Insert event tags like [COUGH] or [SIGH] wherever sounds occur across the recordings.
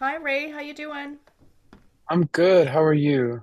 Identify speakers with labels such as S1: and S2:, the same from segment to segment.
S1: Hi Ray, how you doing?
S2: I'm good. How are you?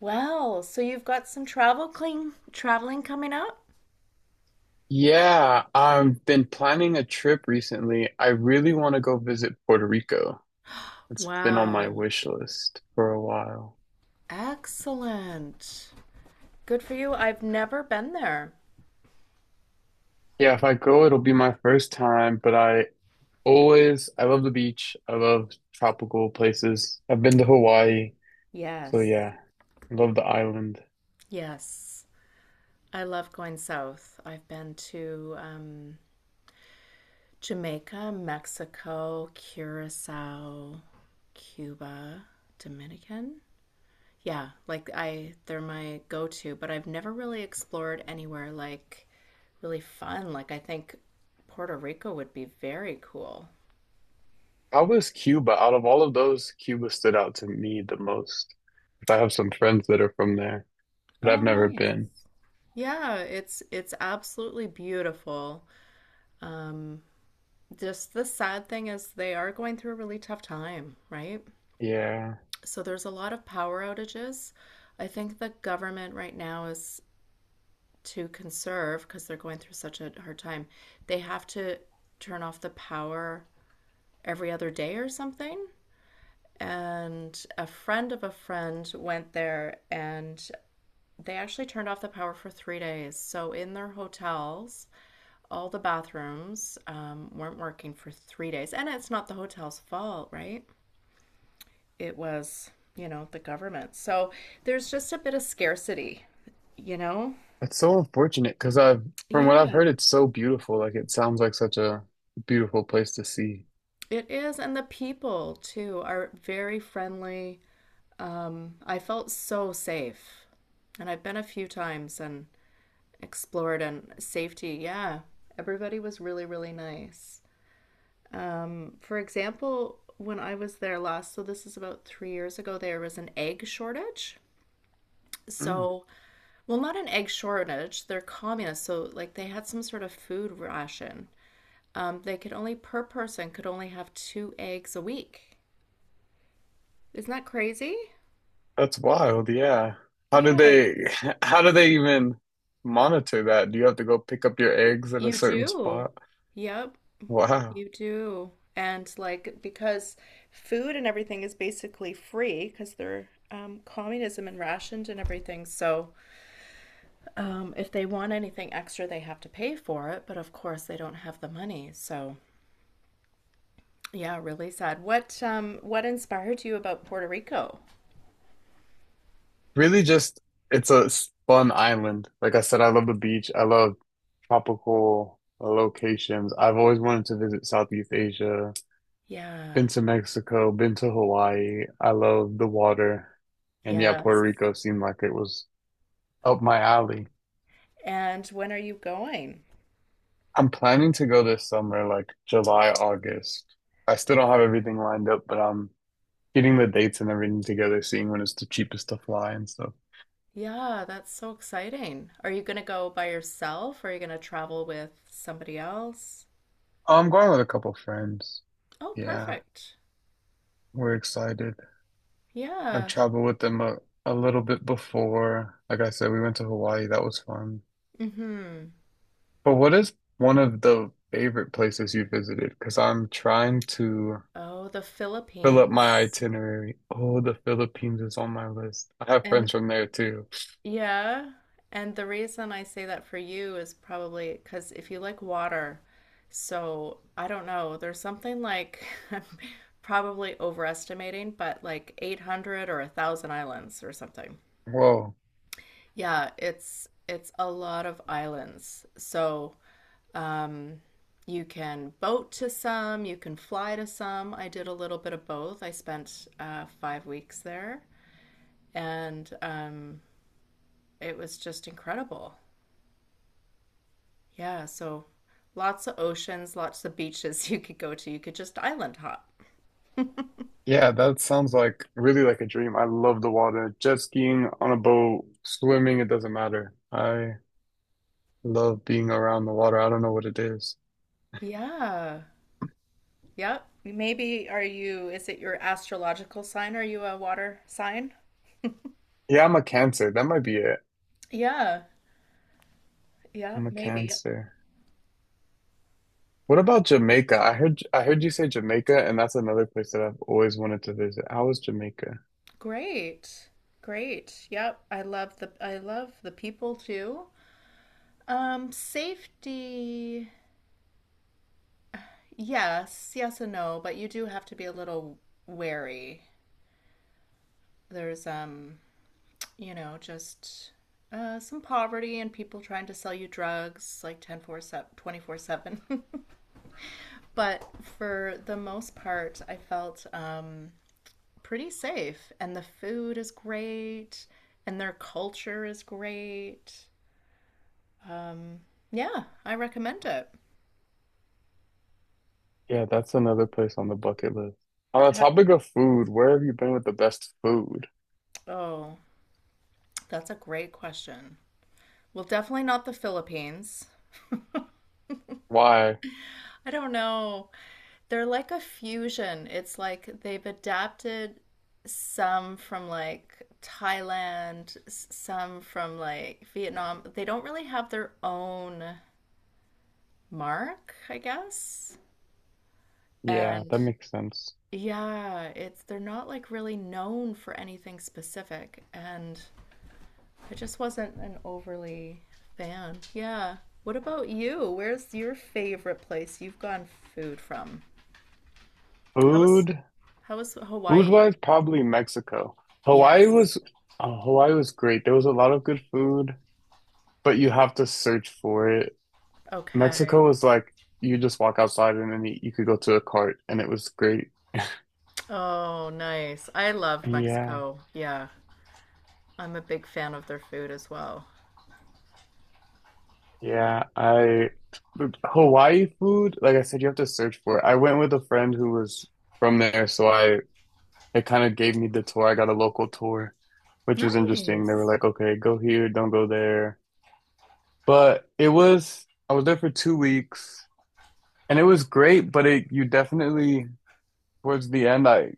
S1: Well, so you've got some traveling coming up?
S2: Yeah, I've been planning a trip recently. I really want to go visit Puerto Rico. It's been on my
S1: Wow.
S2: wish list for a while.
S1: Excellent. Good for you. I've never been there.
S2: Yeah, if I go, it'll be my first time, but I always, I love the beach. I love tropical places. I've been to Hawaii. So
S1: Yes.
S2: yeah, I love the island.
S1: Yes. I love going south. I've been to Jamaica, Mexico, Curacao, Cuba, Dominican. Yeah, like I they're my go-to, but I've never really explored anywhere like really fun. Like I think Puerto Rico would be very cool.
S2: How was Cuba? Out of all of those, Cuba stood out to me the most. I have some friends that are from there, but I've
S1: Oh,
S2: never
S1: nice.
S2: been.
S1: Yeah, it's absolutely beautiful. Um, just the sad thing is they are going through a really tough time, right?
S2: Yeah.
S1: So there's a lot of power outages. I think the government right now is to conserve because they're going through such a hard time. They have to turn off the power every other day or something. And a friend of a friend went there and they actually turned off the power for 3 days. So, in their hotels, all the bathrooms weren't working for 3 days. And it's not the hotel's fault, right? It was, the government. So, there's just a bit of scarcity, you know?
S2: It's so unfortunate because I've, from what I've
S1: Yeah,
S2: heard, it's so beautiful. Like it sounds like such a beautiful place to see.
S1: it is. And the people, too, are very friendly. I felt so safe. And I've been a few times and explored and safety. Yeah, everybody was really, really nice. For example, when I was there last, so this is about 3 years ago, there was an egg shortage.
S2: Mm,
S1: So, well, not an egg shortage, they're communists. So, like, they had some sort of food ration. They could only, per person, could only have two eggs a week. Isn't that crazy?
S2: that's wild. Yeah. How do
S1: Yeah,
S2: they, [LAUGHS] how do they even monitor that? Do you have to go pick up your eggs at a
S1: you
S2: certain
S1: do.
S2: spot?
S1: Yep,
S2: Wow.
S1: you do. And like because food and everything is basically free because they're communism and rationed and everything. So if they want anything extra, they have to pay for it, but of course they don't have the money. So, yeah, really sad. What inspired you about Puerto Rico?
S2: Really just, it's a fun island. Like I said, I love the beach. I love tropical locations. I've always wanted to visit Southeast Asia. Been
S1: Yeah.
S2: to Mexico, been to Hawaii. I love the water. And yeah, Puerto
S1: Yes.
S2: Rico seemed like it was up my alley.
S1: And when are you going?
S2: I'm planning to go this summer, like July, August. I still don't have everything lined up, but I'm getting the dates and everything together, seeing when it's the cheapest to fly and stuff.
S1: Yeah, that's so exciting. Are you going to go by yourself or are you going to travel with somebody else?
S2: Oh, I'm going with a couple friends.
S1: Oh,
S2: Yeah,
S1: perfect.
S2: we're excited. I've
S1: Yeah.
S2: traveled with them a little bit before. Like I said, we went to Hawaii. That was fun.
S1: Mm-hmm.
S2: But what is one of the favorite places you visited? Because I'm trying to
S1: Oh, the
S2: fill up my
S1: Philippines.
S2: itinerary. Oh, the Philippines is on my list. I have friends
S1: And.
S2: from there too.
S1: Yeah. And the reason I say that for you is probably because if you like water, so I don't know, there's something like [LAUGHS] I'm probably overestimating, but like 800 or 1,000 islands or something.
S2: Whoa.
S1: Yeah, it's a lot of islands. So, um, you can boat to some, you can fly to some. I did a little bit of both. I spent 5 weeks there, and it was just incredible. Yeah, so lots of oceans, lots of beaches [LAUGHS] you could go to. You could just island hop.
S2: Yeah, that sounds like really like a dream. I love the water. Jet skiing on a boat, swimming, it doesn't matter. I love being around the water. I don't know what it is.
S1: Yeah. Yep. Maybe is it your astrological sign? Are you a water sign?
S2: Yeah, I'm a Cancer. That might be it.
S1: Yeah. Yeah,
S2: I'm a
S1: maybe.
S2: Cancer. What about Jamaica? I heard you say Jamaica, and that's another place that I've always wanted to visit. How was Jamaica?
S1: Great. Great. Yep. I love the people too. Safety. Yes, yes and no, but you do have to be a little wary. There's you know, just some poverty and people trying to sell you drugs like 10 4 24/7 [LAUGHS] but for the most part I felt pretty safe and the food is great and their culture is great. Yeah, I recommend it.
S2: Yeah, that's another place on the bucket list. On the
S1: Yeah.
S2: topic of food, where have you been with the best food?
S1: Oh, that's a great question. Well, definitely not the Philippines.
S2: Why?
S1: I don't know. They're like a fusion. It's like they've adapted some from like Thailand, some from like Vietnam. They don't really have their own mark, I guess.
S2: Yeah,
S1: And
S2: that makes sense.
S1: yeah, it's they're not like really known for anything specific. And I just wasn't an overly fan. Yeah. What about you? Where's your favorite place you've gone food from? How was
S2: Food,
S1: how was Hawaii?
S2: Food-wise, probably Mexico. Hawaii
S1: Yes.
S2: was, Hawaii was great. There was a lot of good food, but you have to search for it.
S1: Okay.
S2: Mexico was like you just walk outside and then you could go to a cart, and it was great.
S1: Oh, nice. I loved
S2: Yeah,
S1: Mexico. Yeah. I'm a big fan of their food as well.
S2: yeah. I But Hawaii food, like I said, you have to search for it. I went with a friend who was from there, so I it kind of gave me the tour. I got a local tour, which was interesting. They were
S1: Nice.
S2: like, okay, go here, don't go there. But it was, I was there for 2 weeks and it was great, but it, you definitely, towards the end, I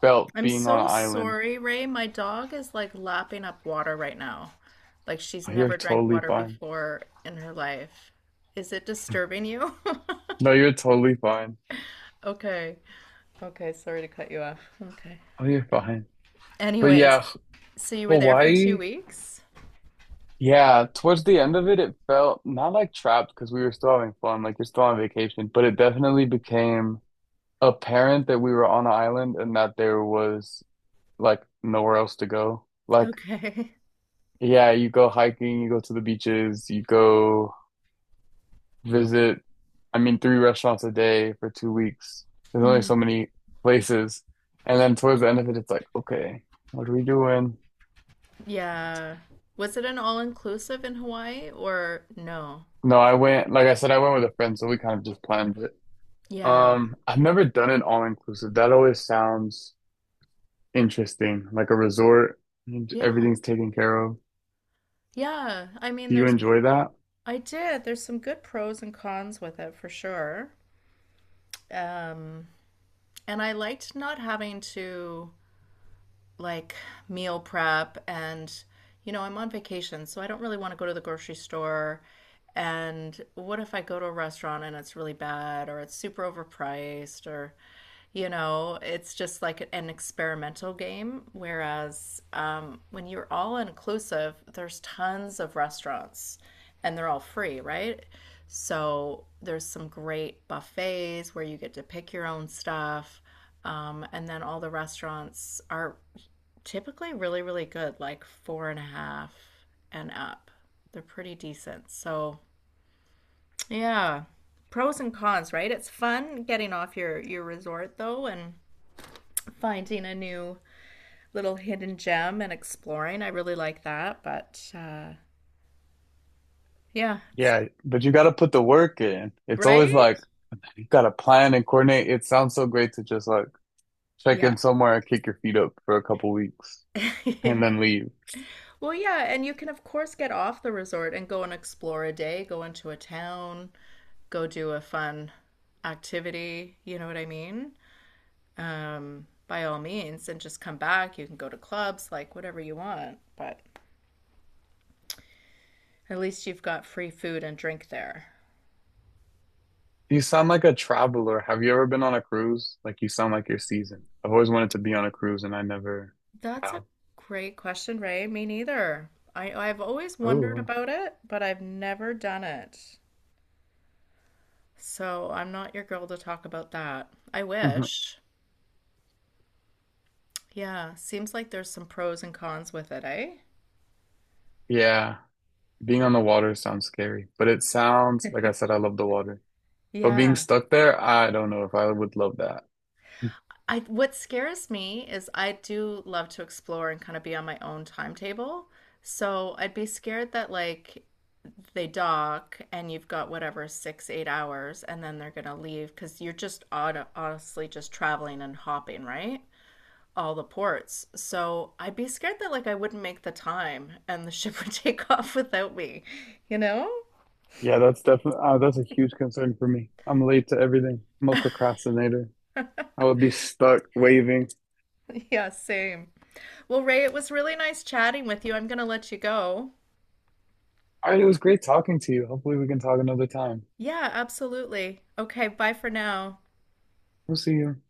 S2: felt
S1: I'm
S2: being on an
S1: so
S2: island.
S1: sorry, Ray. My dog is like lapping up water right now. Like she's
S2: Oh, you're
S1: never drank
S2: totally
S1: water
S2: fine.
S1: before in her life. Is it disturbing you? [LAUGHS]
S2: No, you're totally fine.
S1: Okay. Okay. Sorry to cut you off. Okay.
S2: Oh, you're fine. But
S1: Anyways,
S2: yeah,
S1: so you were there for two
S2: Hawaii,
S1: weeks?
S2: yeah, towards the end of it, it felt not like trapped because we were still having fun, like you're still on vacation, but it definitely became apparent that we were on an island and that there was like nowhere else to go. Like,
S1: Okay. [LAUGHS]
S2: yeah, you go hiking, you go to the beaches, you go visit, I mean, three restaurants a day for 2 weeks. There's only
S1: Mm.
S2: so many places. And then towards the end of it, it's like, okay, what are we doing?
S1: Yeah. Was it an all-inclusive in Hawaii or no?
S2: No, I went, like I said, I went with a friend, so we kind of just planned it.
S1: Yeah.
S2: I've never done an all-inclusive. That always sounds interesting, like a resort, and
S1: Yeah.
S2: everything's taken care of.
S1: Yeah. I mean,
S2: Do you
S1: there's,
S2: enjoy that?
S1: I did. There's some good pros and cons with it for sure. Um, and I liked not having to like meal prep and you know, I'm on vacation, so I don't really want to go to the grocery store. And what if I go to a restaurant and it's really bad or it's super overpriced or you know, it's just like an experimental game. Whereas when you're all inclusive, there's tons of restaurants and they're all free, right? So there's some great buffets where you get to pick your own stuff. And then all the restaurants are typically really, really good, like four and a half and up. They're pretty decent. So, yeah, pros and cons, right? It's fun getting off your resort though and finding a new little hidden gem and exploring. I really like that. But yeah, it's,
S2: Yeah, but you got to put the work in. It's always
S1: right?
S2: like you got to plan and coordinate. It sounds so great to just like check
S1: Yeah.
S2: in somewhere and kick your feet up for a couple weeks and
S1: [LAUGHS]
S2: then leave.
S1: Well, yeah, and you can, of course, get off the resort and go and explore a day, go into a town, go do a fun activity. You know what I mean? By all means, and just come back. You can go to clubs, like whatever you want, but at least you've got free food and drink there.
S2: You sound like a traveler. Have you ever been on a cruise? Like you sound like you're seasoned. I've always wanted to be on a cruise and I never
S1: That's a
S2: have.
S1: great question, Ray. Me neither. I've always wondered
S2: Oh.
S1: about it, but I've never done it. So I'm not your girl to talk about that. I
S2: [LAUGHS]
S1: wish. Yeah, seems like there's some pros and cons with it, eh?
S2: Yeah, being on the water sounds scary, but it sounds like I said I love the water. But being
S1: Yeah.
S2: stuck there, I don't know if I would love that.
S1: I what scares me is I do love to explore and kind of be on my own timetable. So I'd be scared that like they dock and you've got whatever six, 8 hours and then they're gonna leave because you're just on, honestly just traveling and hopping, right? All the ports. So I'd be scared that like I wouldn't make the time and the [LAUGHS] ship would take off without me, you know? [LAUGHS]
S2: Yeah, that's definitely that's a huge concern for me. I'm late to everything. I'm a procrastinator. I would be stuck waving.
S1: Yeah, same. Well, Ray, it was really nice chatting with you. I'm gonna let you go.
S2: All right, it was great talking to you. Hopefully we can talk another time.
S1: Yeah, absolutely. Okay, bye for now.
S2: We'll see you.